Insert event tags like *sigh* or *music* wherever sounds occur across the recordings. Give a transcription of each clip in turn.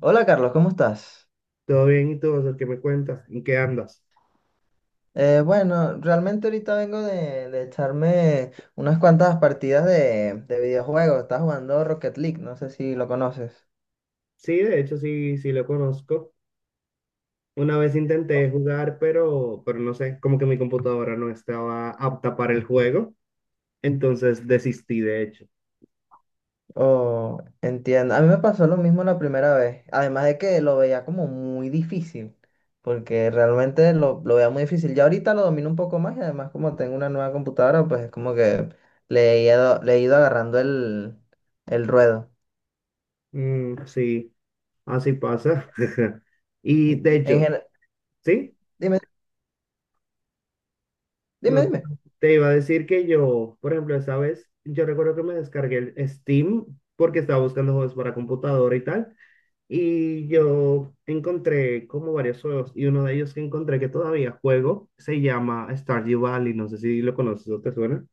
Hola Carlos, ¿cómo estás? Todo bien, ¿y tú, José? ¿Qué me cuentas? ¿En qué andas? Bueno, realmente ahorita vengo de echarme unas cuantas partidas de videojuegos. Estaba jugando Rocket League, no sé si lo conoces. Sí, de hecho, sí, sí lo conozco. Una vez intenté jugar, pero no sé, como que mi computadora no estaba apta para el juego, entonces desistí, de hecho. O entiendo. A mí me pasó lo mismo la primera vez. Además de que lo veía como muy difícil, porque realmente lo veía muy difícil. Ya ahorita lo domino un poco más y además como tengo una nueva computadora, pues es como que le he ido agarrando el ruedo. Mm, sí, así pasa. *laughs* Y de En hecho, gen- sí, Dime, dime, no dime. te iba a decir que yo, por ejemplo, esa vez, yo recuerdo que me descargué el Steam porque estaba buscando juegos para computadora y tal. Y yo encontré como varios juegos y uno de ellos que encontré que todavía juego se llama Stardew Valley. No sé si lo conoces o te suena.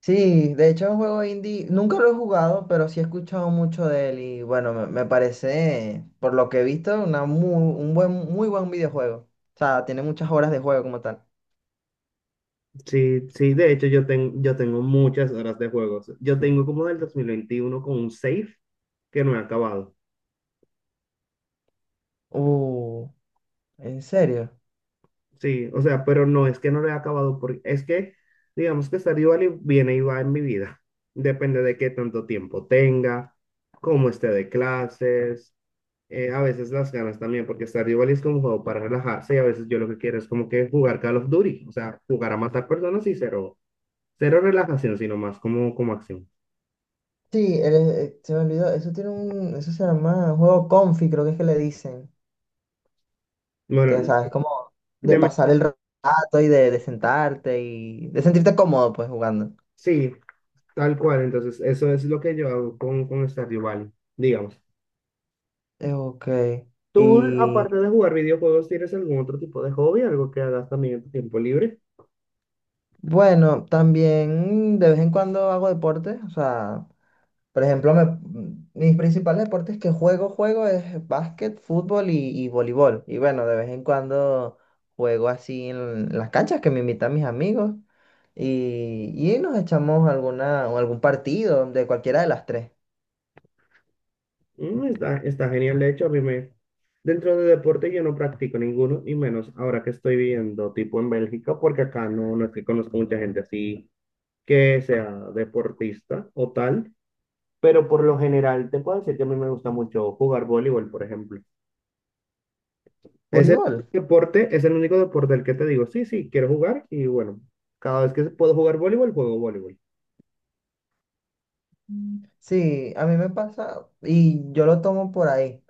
Sí, de hecho es un juego indie, nunca lo he jugado, pero sí he escuchado mucho de él y bueno, me parece, por lo que he visto, un buen, muy buen videojuego. O sea, tiene muchas horas de juego como tal. Sí, sí, de hecho yo tengo muchas horas de juegos. Yo tengo como del 2021 con un save que no he acabado. Uh, ¿En serio? Sí, o sea, pero no es que no lo he acabado porque es que digamos que Stardew Valley viene y va en mi vida. Depende de qué tanto tiempo tenga, cómo esté de clases, a veces las ganas también, porque Stardew Valley es como un juego para relajarse y a veces yo lo que quiero es como que jugar Call of Duty, o sea, jugar a matar personas y cero, cero relajación, sino más como acción. Sí, se me olvidó, eso tiene eso se llama juego comfy creo que es que le dicen, que Bueno, sabes, como de te Mm. me- pasar el rato y de sentarte y de sentirte cómodo pues jugando. sí, tal cual, entonces eso es lo que yo hago con Stardew Valley, digamos. Ok. ¿Tú, aparte Y de jugar videojuegos, tienes algún otro tipo de hobby, algo que hagas también en tu tiempo libre? Bueno, también de vez en cuando hago deporte, o sea, por ejemplo, mis principales deportes que juego, juego es básquet, fútbol y voleibol. Y bueno, de vez en cuando juego así en las canchas que me invitan mis amigos y nos echamos alguna, o algún partido de cualquiera de las tres. Mm, Está genial. De hecho, a mí me… Dentro de deporte yo no practico ninguno, y menos ahora que estoy viviendo tipo en Bélgica, porque acá no, no es que conozco mucha gente así que sea deportista o tal, pero por lo general te puedo decir que a mí me gusta mucho jugar voleibol, por ejemplo. Es el Voleibol. deporte, es el único deporte al que te digo, sí, sí, quiero jugar y bueno, cada vez que puedo jugar voleibol, juego voleibol. Mm. Sí, a mí me pasa y yo lo tomo por ahí.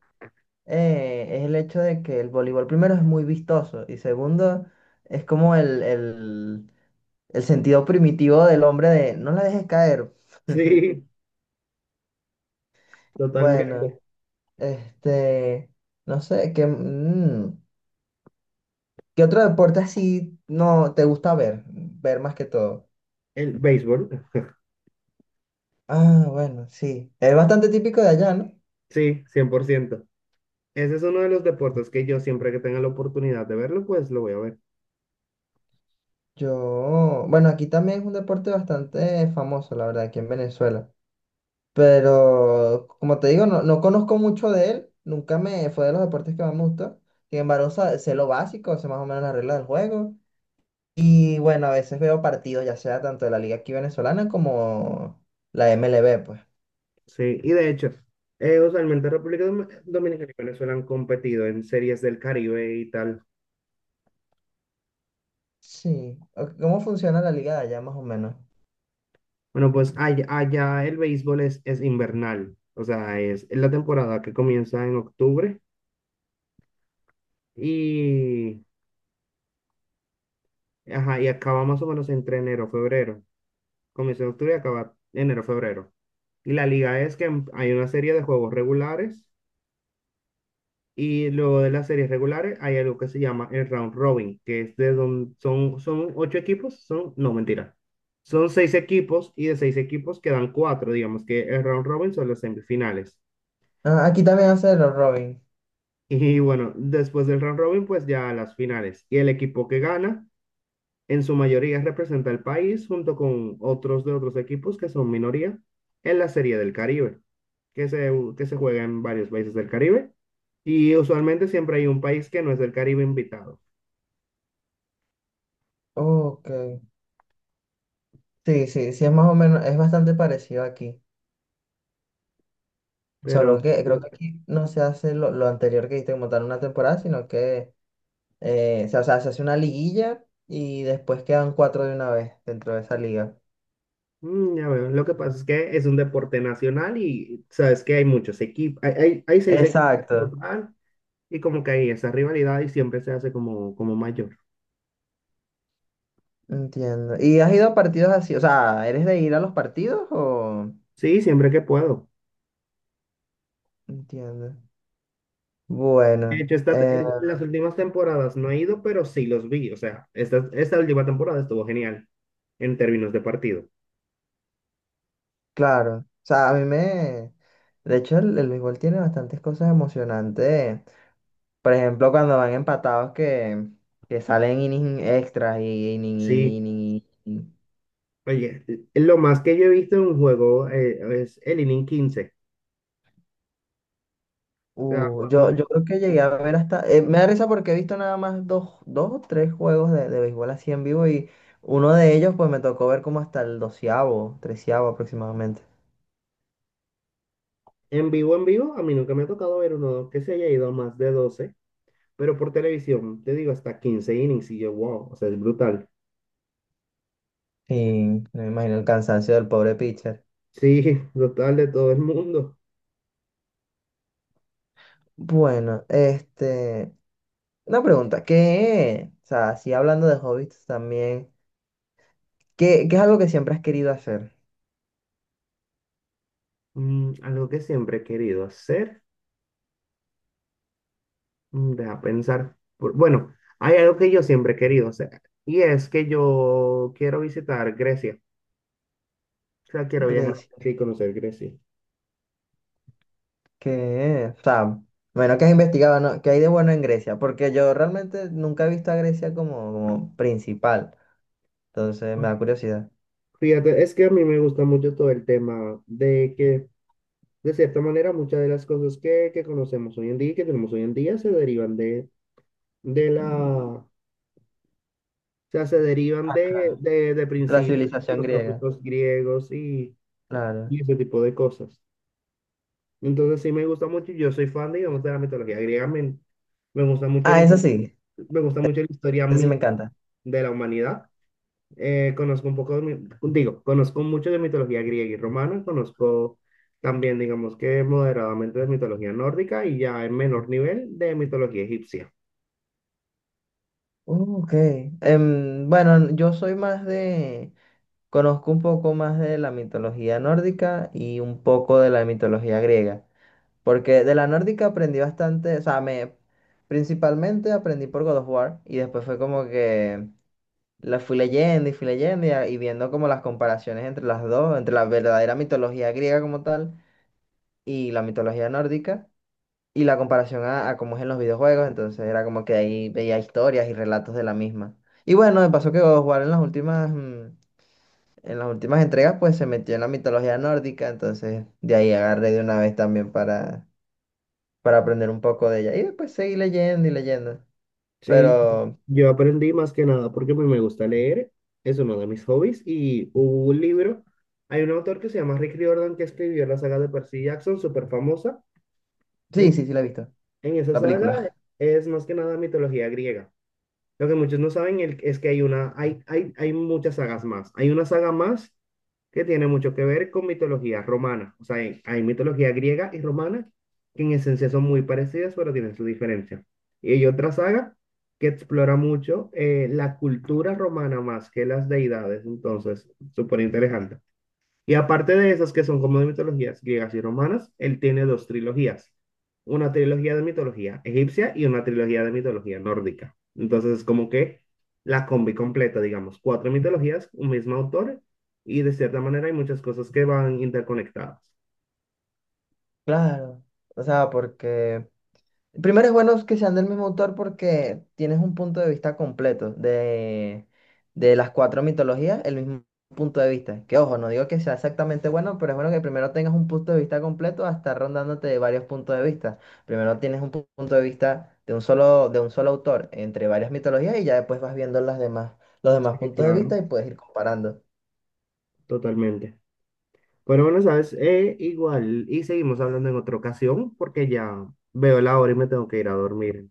Es el hecho de que el voleibol primero es muy vistoso y segundo es como el sentido primitivo del hombre de no la dejes caer. Sí, Bueno, totalmente. este, no sé, ¿qué otro deporte así no te gusta ver? Ver más que todo. El béisbol, Ah, bueno, sí. Es bastante típico de allá, ¿no? sí, 100%. Ese es uno de los deportes que yo siempre que tenga la oportunidad de verlo, pues lo voy a ver. Yo, bueno, aquí también es un deporte bastante famoso, la verdad, aquí en Venezuela. Pero, como te digo, no, no conozco mucho de él. Nunca me fue de los deportes que más me gustó. Sin embargo, sé lo básico, sé más o menos las reglas del juego. Y bueno, a veces veo partidos, ya sea tanto de la liga aquí venezolana como la MLB, pues. Sí, y de hecho, usualmente República Dominicana y Venezuela han competido en series del Caribe y tal. Sí. O- ¿Cómo funciona la liga de allá, más o menos? Bueno, pues allá el béisbol es invernal, o sea, es la temporada que comienza en octubre y, ajá, y acaba más o menos entre enero, febrero. Comienza en octubre y acaba enero, febrero. Y la liga es que hay una serie de juegos regulares. Y luego de las series regulares hay algo que se llama el round robin, que es de donde son ocho equipos, son, no, mentira, son seis equipos y de seis equipos quedan cuatro, digamos que el round robin son las semifinales. Ah, aquí también hace los Robin. Y bueno, después del round robin, pues ya las finales. Y el equipo que gana, en su mayoría representa al país junto con otros de otros equipos que son minoría en la Serie del Caribe, que se, que se juega en varios países del Caribe. Y usualmente siempre hay un país que no es del Caribe invitado. Ok. Sí, sí, sí, es más o menos, es bastante parecido aquí. Pero Solo que creo que aquí no se hace lo anterior que hiciste como tal una temporada, sino que se hace una liguilla y después quedan cuatro de una vez dentro de esa liga. Ya veo, lo que pasa es que es un deporte nacional y sabes que hay muchos equipos, hay seis equipos en Exacto. total y como que hay esa rivalidad y siempre se hace como mayor. Entiendo. ¿Y has ido a partidos así? O sea, ¿eres de ir a los partidos o...? Sí, siempre que puedo. Entiendo. De Bueno, hecho, esta, eh, en las últimas temporadas no he ido, pero sí los vi. O sea, esta última temporada estuvo genial en términos de partido. claro. O sea, a mí me... De hecho, el béisbol tiene bastantes cosas emocionantes. Por ejemplo, cuando van empatados que salen innings extras y Sí, inning. oye, lo más que yo he visto en un juego es el inning 15. O sea, juegos de Yo creo que llegué a ver hasta. Me da risa porque he visto nada más dos, dos o tres juegos de béisbol así en vivo y uno de ellos, pues me tocó ver como hasta el doceavo, treceavo aproximadamente. En vivo, a mí nunca me ha tocado ver uno que se haya ido a más de 12, pero por televisión, te digo, hasta 15 innings y yo, wow, o sea, es brutal. Sí, me imagino el cansancio del pobre pitcher. Sí, *laughs* brutal de todo el mundo. Bueno, este. Una pregunta, ¿qué? O sea, así hablando de hobbies también, ¿qué es algo que siempre has querido hacer? Algo que siempre he querido hacer, deja pensar, bueno, hay algo que yo siempre he querido hacer y es que yo quiero visitar Grecia, o sea, quiero viajar Grecia aquí y conocer Grecia. que, o sea, bueno, que has investigado, ¿no? ¿Qué hay de bueno en Grecia? Porque yo realmente nunca he visto a Grecia como, como principal. Entonces me da curiosidad. Fíjate, es que a mí me gusta mucho todo el tema de que de cierta manera, muchas de las cosas que conocemos hoy en día y que tenemos hoy en día se derivan de la, o sea, se derivan de, Claro. de, de La principios civilización griega, filosóficos griegos y, claro. y ese tipo de cosas. Entonces sí me gusta mucho, yo soy fan, digamos, de la mitología griega, me gusta mucho, la Ah, his- me gusta mucho la historia eso sí me encanta. de la humanidad. Conozco un poco digo, conozco mucho de mitología griega y romana, conozco también, digamos que moderadamente de mitología nórdica y ya en menor nivel de mitología egipcia. Ok. Bueno, yo soy más de, conozco un poco más de la mitología nórdica y un poco de la mitología griega. Porque de la nórdica aprendí bastante, o sea, me, principalmente aprendí por God of War y después fue como que... La fui leyendo y, y viendo como las comparaciones entre las dos, entre la verdadera mitología griega como tal y la mitología nórdica y la comparación a cómo es en los videojuegos, entonces era como que ahí veía historias y relatos de la misma. Y bueno, me pasó que God of War en las en las últimas entregas pues se metió en la mitología nórdica, entonces de ahí agarré de una vez también para aprender un poco de ella y después seguí leyendo y leyendo, Sí, pero yo aprendí más que nada porque pues, me gusta leer, es uno de mis hobbies y hubo un libro, hay un autor que se llama Rick Riordan que escribió la saga de Percy Jackson, súper famosa. sí, En, sí, sí la he visto, en esa la saga película, es más que nada mitología griega. Lo que muchos no saben es que hay muchas sagas más. Hay una saga más que tiene mucho que ver con mitología romana. O sea, hay mitología griega y romana que en esencia son muy parecidas, pero tienen su diferencia. Y hay otra saga que explora mucho la cultura romana más que las deidades. Entonces, súper interesante. Y aparte de esas que son como de mitologías griegas y romanas, él tiene dos trilogías. Una trilogía de mitología egipcia y una trilogía de mitología nórdica. Entonces es como que la combi completa, digamos, cuatro mitologías, un mismo autor, y de cierta manera hay muchas cosas que van interconectadas. *laughs* claro. O sea, porque primero es bueno que sean del mismo autor porque tienes un punto de vista completo de las cuatro mitologías, el mismo punto de vista. Que ojo, no digo que sea exactamente bueno, pero es bueno que primero tengas un punto de vista completo hasta rondándote de varios puntos de vista. Primero tienes un punto de vista de un solo autor entre varias mitologías y ya después vas viendo las demás, los demás Sí, puntos de vista claro, y puedes ir comparando. totalmente. Pero bueno, sabes, igual, y seguimos hablando en otra ocasión porque ya veo la hora y me tengo que ir a dormir.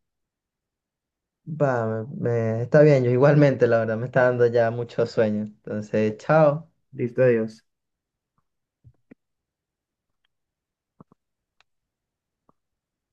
Va, está bien, yo igualmente, la verdad, me está dando ya mucho sueño. Entonces, chao. Listo, adiós.